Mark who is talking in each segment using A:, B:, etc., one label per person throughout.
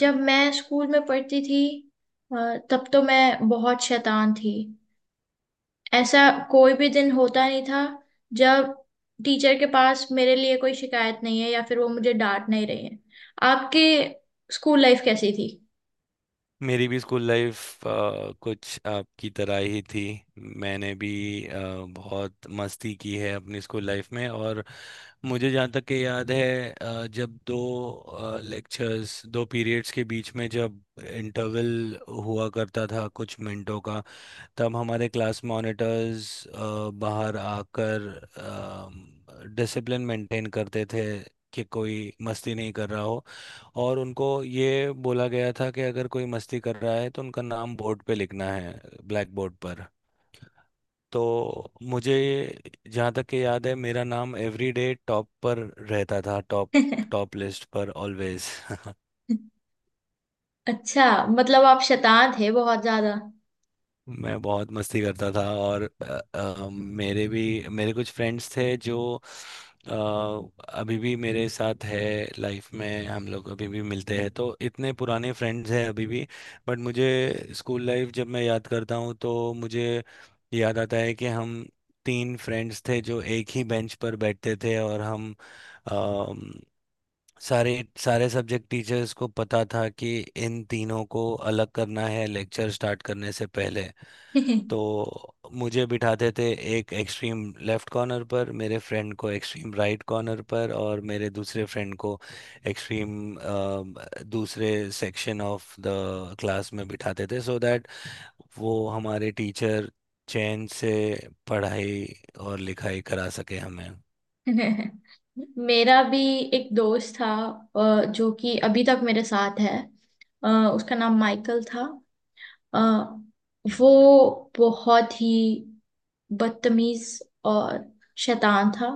A: जब मैं स्कूल में पढ़ती थी तब तो मैं बहुत शैतान थी। ऐसा कोई भी दिन होता नहीं था जब टीचर के पास मेरे लिए कोई शिकायत नहीं है या फिर वो मुझे डांट नहीं रही है। आपके स्कूल लाइफ कैसी थी?
B: मेरी भी स्कूल लाइफ कुछ आपकी तरह ही थी। मैंने भी अ, बहुत मस्ती की है अपनी स्कूल लाइफ में। और मुझे जहाँ तक कि याद है जब दो लेक्चर्स दो पीरियड्स के बीच में जब इंटरवल हुआ करता था कुछ मिनटों का, तब हमारे क्लास मॉनिटर्स बाहर आकर डिसिप्लिन मेंटेन करते थे कि कोई मस्ती नहीं कर रहा हो। और उनको ये बोला गया था कि अगर कोई मस्ती कर रहा है तो उनका नाम बोर्ड पे लिखना है, ब्लैक बोर्ड पर। तो मुझे जहाँ तक कि याद है, मेरा नाम एवरी डे टॉप पर रहता था, टॉप टॉप लिस्ट पर ऑलवेज।
A: अच्छा, मतलब आप शैतान थे बहुत ज्यादा।
B: मैं बहुत मस्ती करता था। और मेरे कुछ फ्रेंड्स थे जो अ, अभी भी मेरे साथ है लाइफ में। हम लोग अभी भी मिलते हैं, तो इतने पुराने फ्रेंड्स हैं अभी भी। बट मुझे स्कूल लाइफ जब मैं याद करता हूँ तो मुझे याद आता है कि हम 3 फ्रेंड्स थे जो एक ही बेंच पर बैठते थे। और हम अम, सारे सारे सब्जेक्ट टीचर्स को पता था कि इन तीनों को अलग करना है लेक्चर स्टार्ट करने से पहले। तो मुझे बिठाते थे एक एक्सट्रीम लेफ्ट कॉर्नर पर, मेरे फ्रेंड को एक्सट्रीम राइट कॉर्नर पर, और मेरे दूसरे फ्रेंड को एक्सट्रीम दूसरे सेक्शन ऑफ द क्लास में बिठाते थे, सो दैट वो हमारे टीचर चैन से पढ़ाई और लिखाई करा सके हमें।
A: मेरा भी एक दोस्त था जो कि अभी तक मेरे साथ है। अ, उसका नाम माइकल था। आ, वो बहुत ही बदतमीज और शैतान था।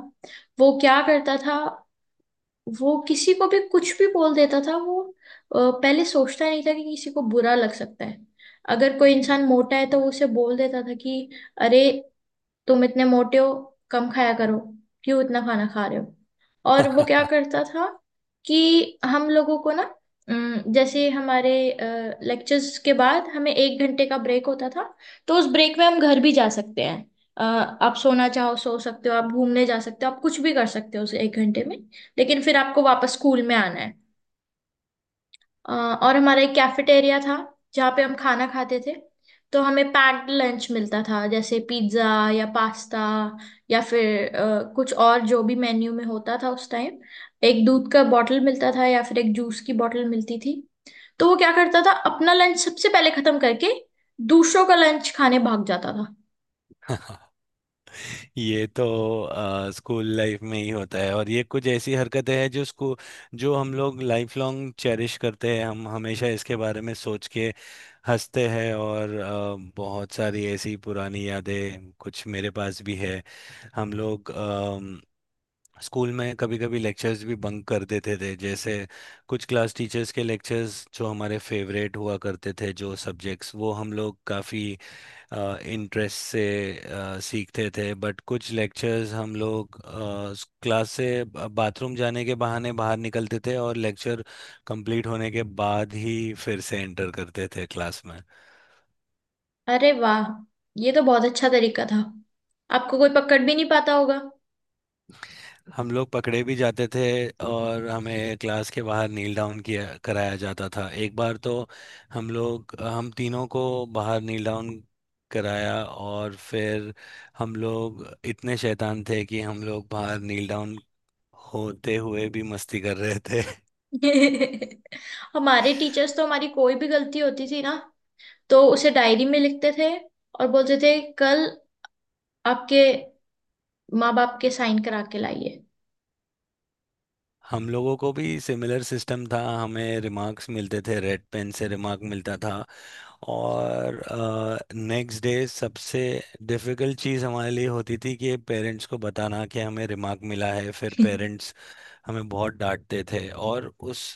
A: वो क्या करता था, वो किसी को भी कुछ भी बोल देता था। वो पहले सोचता नहीं था कि किसी को बुरा लग सकता है। अगर कोई इंसान मोटा है तो वो उसे बोल देता था कि अरे, तुम इतने मोटे हो, कम खाया करो, क्यों इतना खाना खा रहे हो। और वो क्या करता था कि हम लोगों को ना, जैसे हमारे लेक्चर्स के बाद हमें एक घंटे का ब्रेक होता था। तो उस ब्रेक में हम घर भी जा सकते हैं, आप सोना चाहो सो सकते हो, आप घूमने जा सकते हो, आप कुछ भी कर सकते हो उस एक घंटे में। लेकिन फिर आपको वापस स्कूल में आना है। अ, और हमारा एक कैफेटेरिया था जहाँ पे हम खाना खाते थे। तो हमें पैक्ड लंच मिलता था, जैसे पिज्ज़ा या पास्ता या फिर कुछ और जो भी मेन्यू में होता था उस टाइम। एक दूध का बॉटल मिलता था या फिर एक जूस की बॉटल मिलती थी। तो वो क्या करता था, अपना लंच सबसे पहले खत्म करके दूसरों का लंच खाने भाग जाता था।
B: ये तो स्कूल लाइफ में ही होता है। और ये कुछ ऐसी हरकतें हैं जो स्कूल जो हम लोग लाइफ लॉन्ग चेरिश करते हैं। हम हमेशा इसके बारे में सोच के हंसते हैं। और बहुत सारी ऐसी पुरानी यादें कुछ मेरे पास भी है। हम लोग अम, स्कूल में कभी कभी लेक्चर्स भी बंक कर देते थे, जैसे कुछ क्लास टीचर्स के लेक्चर्स जो हमारे फेवरेट हुआ करते थे जो सब्जेक्ट्स वो हम लोग काफ़ी इंटरेस्ट से सीखते थे। बट कुछ लेक्चर्स हम लोग क्लास से बाथरूम जाने के बहाने बाहर निकलते थे और लेक्चर कंप्लीट होने के बाद ही फिर से एंटर करते थे क्लास में।
A: अरे वाह, ये तो बहुत अच्छा तरीका था, आपको कोई पकड़ भी नहीं पाता होगा।
B: हम लोग पकड़े भी जाते थे और हमें क्लास के बाहर नील डाउन किया कराया जाता था। एक बार तो हम तीनों को बाहर नील डाउन कराया, और फिर हम लोग इतने शैतान थे कि हम लोग बाहर नील डाउन होते हुए भी मस्ती कर रहे थे।
A: हमारे टीचर्स तो हमारी कोई भी गलती होती थी ना, तो उसे डायरी में लिखते थे और बोलते थे कल आपके माँ बाप के साइन करा के लाइए।
B: हम लोगों को भी सिमिलर सिस्टम था, हमें रिमार्क्स मिलते थे, रेड पेन से रिमार्क मिलता था। और नेक्स्ट डे सबसे डिफिकल्ट चीज़ हमारे लिए होती थी कि पेरेंट्स को बताना कि हमें रिमार्क मिला है। फिर पेरेंट्स हमें बहुत डांटते थे। और उस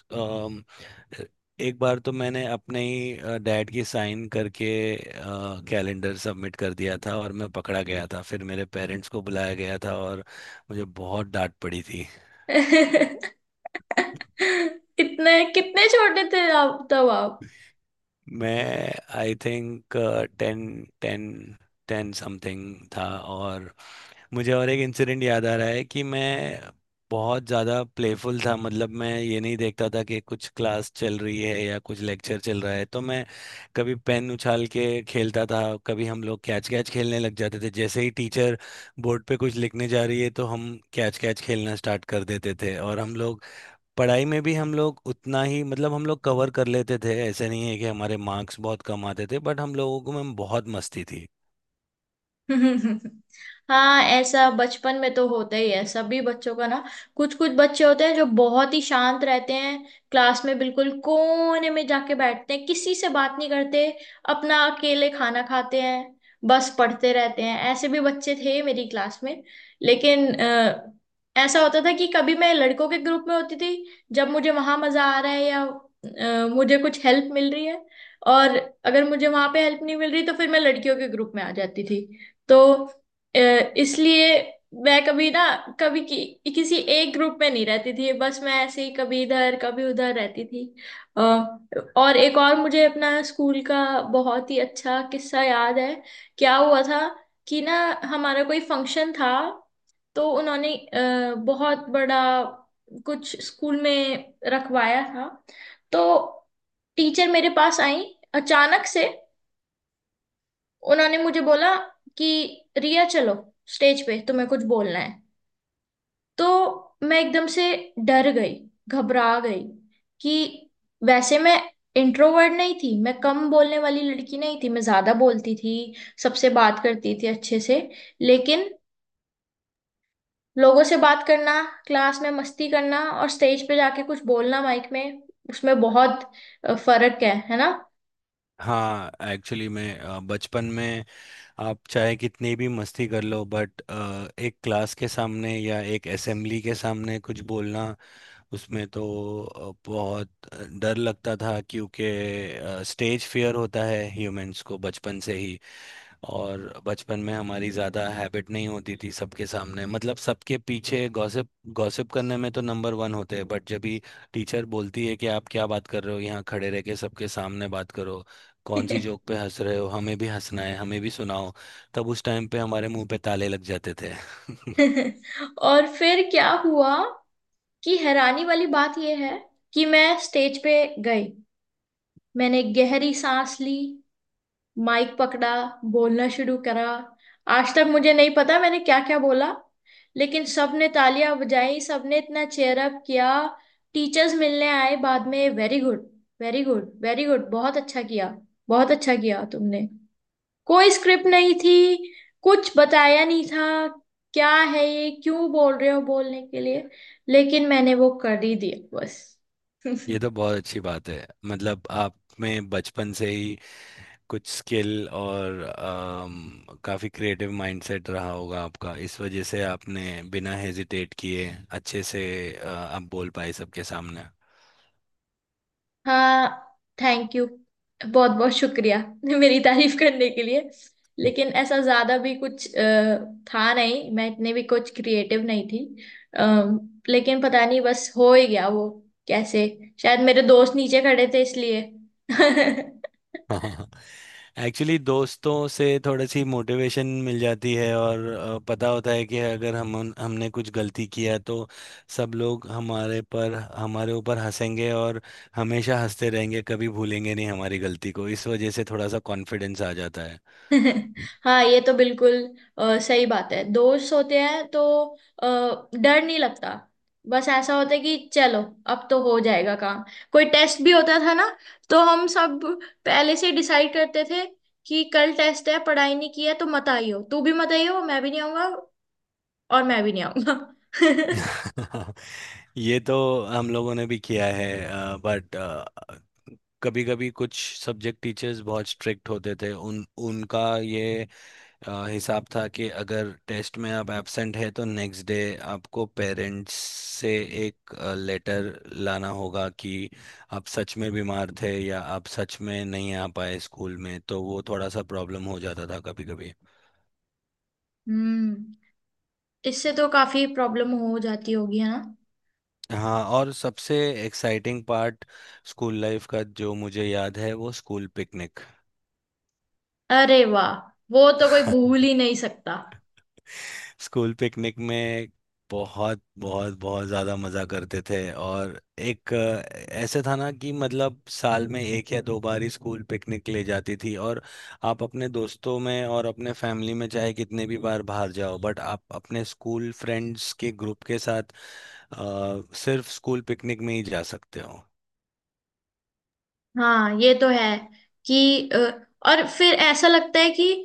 B: एक बार तो मैंने अपने ही डैड की साइन करके कैलेंडर सबमिट कर दिया था और मैं पकड़ा गया था। फिर मेरे पेरेंट्स को बुलाया गया था और मुझे बहुत डांट पड़ी थी।
A: इतने कितने छोटे थे आप तब, आप?
B: मैं I think ten ten 10 something था। और मुझे और एक इंसिडेंट याद आ रहा है कि मैं बहुत ज़्यादा प्लेफुल था, मतलब मैं ये नहीं देखता था कि कुछ क्लास चल रही है या कुछ लेक्चर चल रहा है। तो मैं कभी पेन उछाल के खेलता था, कभी हम लोग कैच कैच खेलने लग जाते थे। जैसे ही टीचर बोर्ड पे कुछ लिखने जा रही है तो हम कैच कैच खेलना स्टार्ट कर देते थे। और हम लोग पढ़ाई में भी हम लोग उतना ही मतलब हम लोग कवर कर लेते थे, ऐसे नहीं है कि हमारे मार्क्स बहुत कम आते थे, बट हम लोगों को में बहुत मस्ती थी।
A: हाँ, ऐसा बचपन में तो होता ही है सभी बच्चों का ना। कुछ कुछ बच्चे होते हैं जो बहुत ही शांत रहते हैं, क्लास में बिल्कुल कोने में जाके बैठते हैं, किसी से बात नहीं करते, अपना अकेले खाना खाते हैं, बस पढ़ते रहते हैं। ऐसे भी बच्चे थे मेरी क्लास में। लेकिन ऐसा होता था कि कभी मैं लड़कों के ग्रुप में होती थी, जब मुझे वहां मजा आ रहा है या मुझे कुछ हेल्प मिल रही है। और अगर मुझे वहां पे हेल्प नहीं मिल रही तो फिर मैं लड़कियों के ग्रुप में आ जाती थी। तो अ, इसलिए मैं कभी किसी एक ग्रुप में नहीं रहती थी, बस मैं ऐसे ही कभी इधर कभी उधर रहती थी। अ, और एक और मुझे अपना स्कूल का बहुत ही अच्छा किस्सा याद है। क्या हुआ था कि ना, हमारा कोई फंक्शन था। तो उन्होंने बहुत बड़ा कुछ स्कूल में रखवाया था। तो टीचर मेरे पास आई, अचानक से उन्होंने मुझे बोला कि रिया चलो, स्टेज पे तुम्हें कुछ बोलना है। तो मैं एकदम से डर गई, घबरा गई कि, वैसे मैं इंट्रोवर्ट नहीं थी, मैं कम बोलने वाली लड़की नहीं थी, मैं ज्यादा बोलती थी, सबसे बात करती थी अच्छे से। लेकिन लोगों से बात करना, क्लास में मस्ती करना और स्टेज पे जाके कुछ बोलना माइक में, उसमें बहुत फर्क है ना?
B: हाँ, एक्चुअली मैं बचपन में आप चाहे कितनी भी मस्ती कर लो, बट एक क्लास के सामने या एक असेंबली के सामने कुछ बोलना उसमें तो बहुत डर लगता था, क्योंकि स्टेज फियर होता है ह्यूमंस को बचपन से ही। और बचपन में हमारी ज्यादा हैबिट नहीं होती थी सबके सामने, मतलब सबके पीछे गॉसिप गॉसिप करने में तो नंबर वन होते हैं, बट जब भी टीचर बोलती है कि आप क्या बात कर रहे हो, यहाँ खड़े रह के सबके सामने बात करो, कौन सी जोक पे हंस रहे हो, हमें भी हंसना है, हमें भी सुनाओ, तब उस टाइम पे हमारे मुंह पे ताले लग जाते थे।
A: और फिर क्या हुआ कि, हैरानी वाली बात यह है कि मैं स्टेज पे गई, मैंने गहरी सांस ली, माइक पकड़ा, बोलना शुरू करा। आज तक मुझे नहीं पता मैंने क्या क्या बोला, लेकिन सबने तालियां बजाई, सबने इतना चेयर अप किया। टीचर्स मिलने आए बाद में, very good, very good, very good, बहुत अच्छा किया, बहुत अच्छा किया तुमने। कोई स्क्रिप्ट नहीं थी, कुछ बताया नहीं था, क्या है ये क्यों बोल रहे हो, बोलने के लिए। लेकिन मैंने वो कर ही दिया बस।
B: ये तो बहुत अच्छी बात है, मतलब आप में बचपन से ही कुछ स्किल और काफी क्रिएटिव माइंडसेट रहा होगा आपका। इस वजह से आपने बिना हेजिटेट किए अच्छे से आप बोल पाए सबके सामने।
A: हाँ, थैंक यू, बहुत बहुत शुक्रिया। मेरी तारीफ करने के लिए, लेकिन ऐसा ज्यादा भी कुछ था नहीं, मैं इतने भी कुछ क्रिएटिव नहीं थी। अम, लेकिन पता नहीं बस हो ही गया वो, कैसे? शायद मेरे दोस्त नीचे खड़े थे इसलिए।
B: हाँ, एक्चुअली दोस्तों से थोड़ी सी मोटिवेशन मिल जाती है। और पता होता है कि अगर हम हमने कुछ गलती किया तो सब लोग हमारे ऊपर हंसेंगे और हमेशा हंसते रहेंगे, कभी भूलेंगे नहीं हमारी गलती को। इस वजह से थोड़ा सा कॉन्फिडेंस आ जाता है।
A: हाँ, ये तो बिल्कुल सही बात है, दोस्त होते हैं तो डर नहीं लगता। बस ऐसा होता है कि चलो, अब तो हो जाएगा काम। कोई टेस्ट भी होता था ना, तो हम सब पहले से डिसाइड करते थे कि कल टेस्ट है, पढ़ाई नहीं की है, तो मत आइयो, तू भी मत आइयो, मैं भी नहीं आऊंगा और मैं भी नहीं आऊंगा।
B: ये तो हम लोगों ने भी किया है। बट कभी कभी कुछ सब्जेक्ट टीचर्स बहुत स्ट्रिक्ट होते थे। उन उनका ये हिसाब था कि अगर टेस्ट में आप एब्सेंट है तो नेक्स्ट डे आपको पेरेंट्स से एक लेटर लाना होगा कि आप सच में बीमार थे या आप सच में नहीं आ पाए स्कूल में। तो वो थोड़ा सा प्रॉब्लम हो जाता था कभी कभी।
A: हम्म, इससे तो काफी प्रॉब्लम हो जाती होगी, है ना?
B: हाँ, और सबसे एक्साइटिंग पार्ट स्कूल लाइफ का जो मुझे याद है वो स्कूल पिकनिक।
A: अरे वाह, वो तो कोई भूल ही नहीं सकता।
B: स्कूल पिकनिक में बहुत बहुत बहुत ज्यादा मजा करते थे। और एक ऐसे था ना कि मतलब साल में एक या दो बार ही स्कूल पिकनिक ले जाती थी। और आप अपने दोस्तों में और अपने फैमिली में चाहे कितने भी बार बाहर जाओ, बट आप अपने स्कूल फ्रेंड्स के ग्रुप के साथ अ, सिर्फ स्कूल पिकनिक में ही जा सकते हो।
A: हाँ, ये तो है कि और फिर ऐसा लगता है कि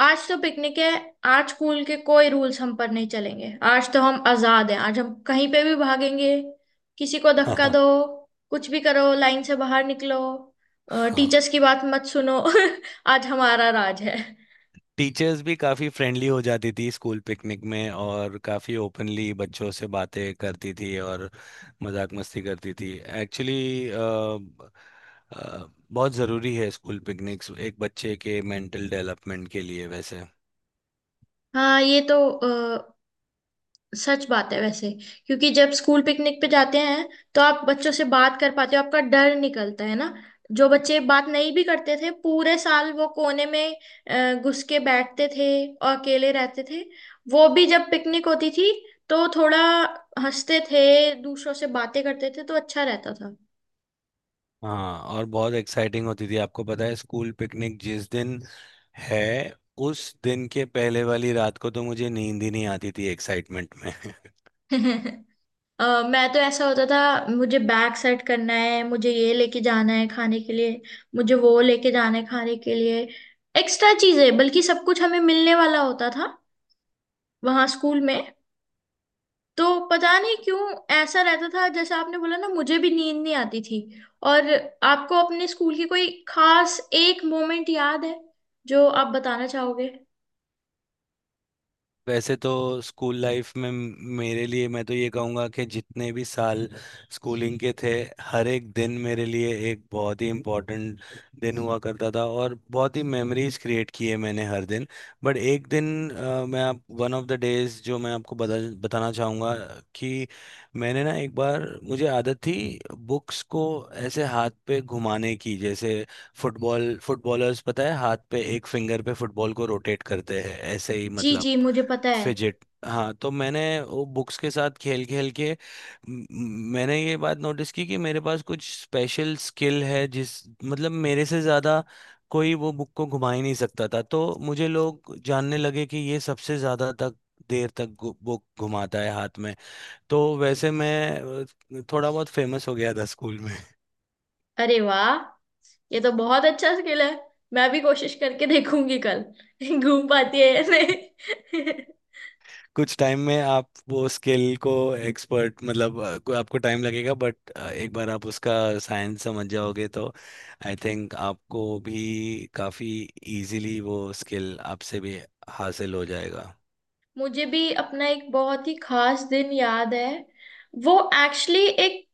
A: आज तो पिकनिक है, आज स्कूल के कोई रूल्स हम पर नहीं चलेंगे, आज तो हम आजाद हैं, आज हम कहीं पे भी भागेंगे, किसी को धक्का दो, कुछ भी करो, लाइन से बाहर निकलो,
B: हाँ,
A: टीचर्स की बात मत सुनो। आज हमारा राज है।
B: टीचर्स भी काफ़ी फ्रेंडली हो जाती थी स्कूल पिकनिक में, और काफ़ी ओपनली बच्चों से बातें करती थी और मजाक मस्ती करती थी। एक्चुअली बहुत ज़रूरी है स्कूल पिकनिक्स एक बच्चे के मेंटल डेवलपमेंट के लिए वैसे।
A: हाँ, ये तो सच बात है वैसे, क्योंकि जब स्कूल पिकनिक पे जाते हैं तो आप बच्चों से बात कर पाते हो, आपका डर निकलता है ना। जो बच्चे बात नहीं भी करते थे पूरे साल, वो कोने में घुस के बैठते थे और अकेले रहते थे, वो भी जब पिकनिक होती थी तो थोड़ा हंसते थे, दूसरों से बातें करते थे, तो अच्छा रहता
B: हाँ, और बहुत एक्साइटिंग होती थी, आपको पता है, स्कूल पिकनिक जिस दिन है उस दिन के पहले वाली रात को तो मुझे नींद ही नहीं आती थी एक्साइटमेंट में।
A: था। अ, मैं तो, ऐसा होता था मुझे, बैग सेट करना है, मुझे ये लेके जाना है खाने के लिए, मुझे वो लेके जाना है खाने के लिए, एक्स्ट्रा चीजें, बल्कि सब कुछ हमें मिलने वाला होता था वहां स्कूल में, तो पता नहीं क्यों ऐसा रहता था। जैसे आपने बोला ना, मुझे भी नींद नहीं आती थी। और आपको अपने स्कूल की कोई खास एक मोमेंट याद है जो आप बताना चाहोगे?
B: वैसे तो स्कूल लाइफ में मेरे लिए मैं तो ये कहूँगा कि जितने भी साल स्कूलिंग के थे, हर एक दिन मेरे लिए एक बहुत ही इम्पोर्टेंट दिन हुआ करता था, और बहुत ही मेमोरीज क्रिएट किए मैंने हर दिन। बट एक दिन अ, मैं आप वन ऑफ द डेज जो मैं आपको बताना चाहूँगा कि मैंने ना एक बार, मुझे आदत थी बुक्स को ऐसे हाथ पे घुमाने की, जैसे फुटबॉलर्स पता है हाथ पे एक फिंगर पे फुटबॉल को रोटेट करते हैं, ऐसे ही
A: जी
B: मतलब
A: जी, मुझे पता है।
B: फिजिट। हाँ, तो मैंने वो बुक्स के साथ खेल खेल के मैंने ये बात नोटिस की कि मेरे पास कुछ स्पेशल स्किल है जिस मतलब मेरे से ज़्यादा कोई वो बुक को घुमा ही नहीं सकता था। तो मुझे लोग जानने लगे कि ये सबसे ज़्यादा तक देर तक बुक घुमाता है हाथ में। तो वैसे मैं थोड़ा बहुत फेमस हो गया था स्कूल।
A: अरे वाह, ये तो बहुत अच्छा स्किल है, मैं भी कोशिश करके देखूंगी कल घूम पाती है या नहीं।
B: कुछ टाइम में आप वो स्किल को एक्सपर्ट मतलब आपको टाइम लगेगा, बट एक बार आप उसका साइंस समझ जाओगे तो आई थिंक आपको भी काफ़ी इजीली वो स्किल आपसे भी हासिल हो जाएगा।
A: मुझे भी अपना एक बहुत ही खास दिन याद है। वो एक्चुअली, एक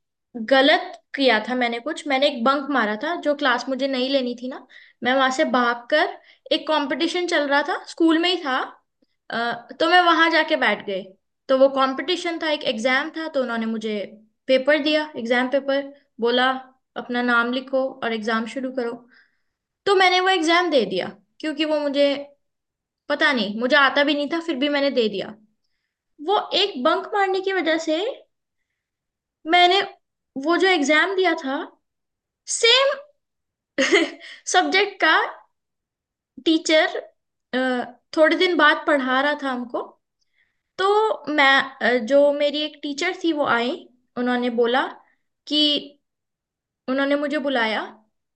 A: गलत किया था मैंने कुछ, मैंने एक बंक मारा था जो क्लास मुझे नहीं लेनी थी ना। मैं वहां से भागकर, एक कंपटीशन चल रहा था स्कूल में ही था, तो मैं वहां जाके बैठ गई। तो वो कंपटीशन था, एक एग्जाम था, तो उन्होंने मुझे पेपर दिया, एग्जाम पेपर, बोला अपना नाम लिखो और एग्जाम शुरू करो। तो मैंने वो एग्जाम दे दिया, क्योंकि वो मुझे, पता नहीं, मुझे आता भी नहीं था, फिर भी मैंने दे दिया। वो एक बंक मारने की वजह से मैंने वो जो एग्जाम दिया था, सेम सब्जेक्ट का टीचर अ, थोड़े दिन बाद पढ़ा रहा था हमको। तो मैं जो मेरी एक टीचर थी वो आई, उन्होंने बोला कि, उन्होंने मुझे बुलाया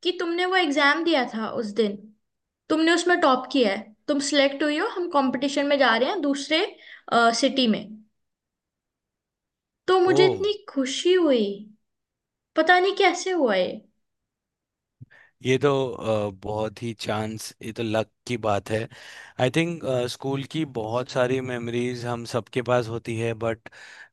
A: कि तुमने वो एग्जाम दिया था उस दिन, तुमने उसमें टॉप किया है, तुम सिलेक्ट हुई हो, हम कंपटीशन में जा रहे हैं दूसरे सिटी में। तो
B: ओ,
A: मुझे इतनी खुशी हुई, पता नहीं कैसे हुआ ये।
B: ये तो बहुत ही चांस, ये तो लक की बात है। आई थिंक स्कूल की बहुत सारी मेमोरीज हम सबके पास होती है, बट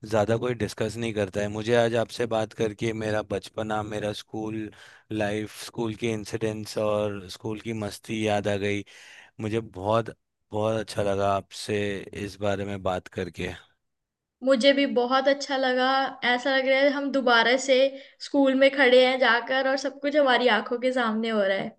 B: ज़्यादा कोई डिस्कस नहीं करता है। मुझे आज आपसे बात करके मेरा बचपना, मेरा स्कूल लाइफ, स्कूल के इंसिडेंट्स और स्कूल की मस्ती याद आ गई। मुझे बहुत बहुत अच्छा लगा आपसे इस बारे में बात करके।
A: मुझे भी बहुत अच्छा लगा, ऐसा लग रहा है हम दोबारा से स्कूल में खड़े हैं जाकर और सब कुछ हमारी आंखों के सामने हो रहा है।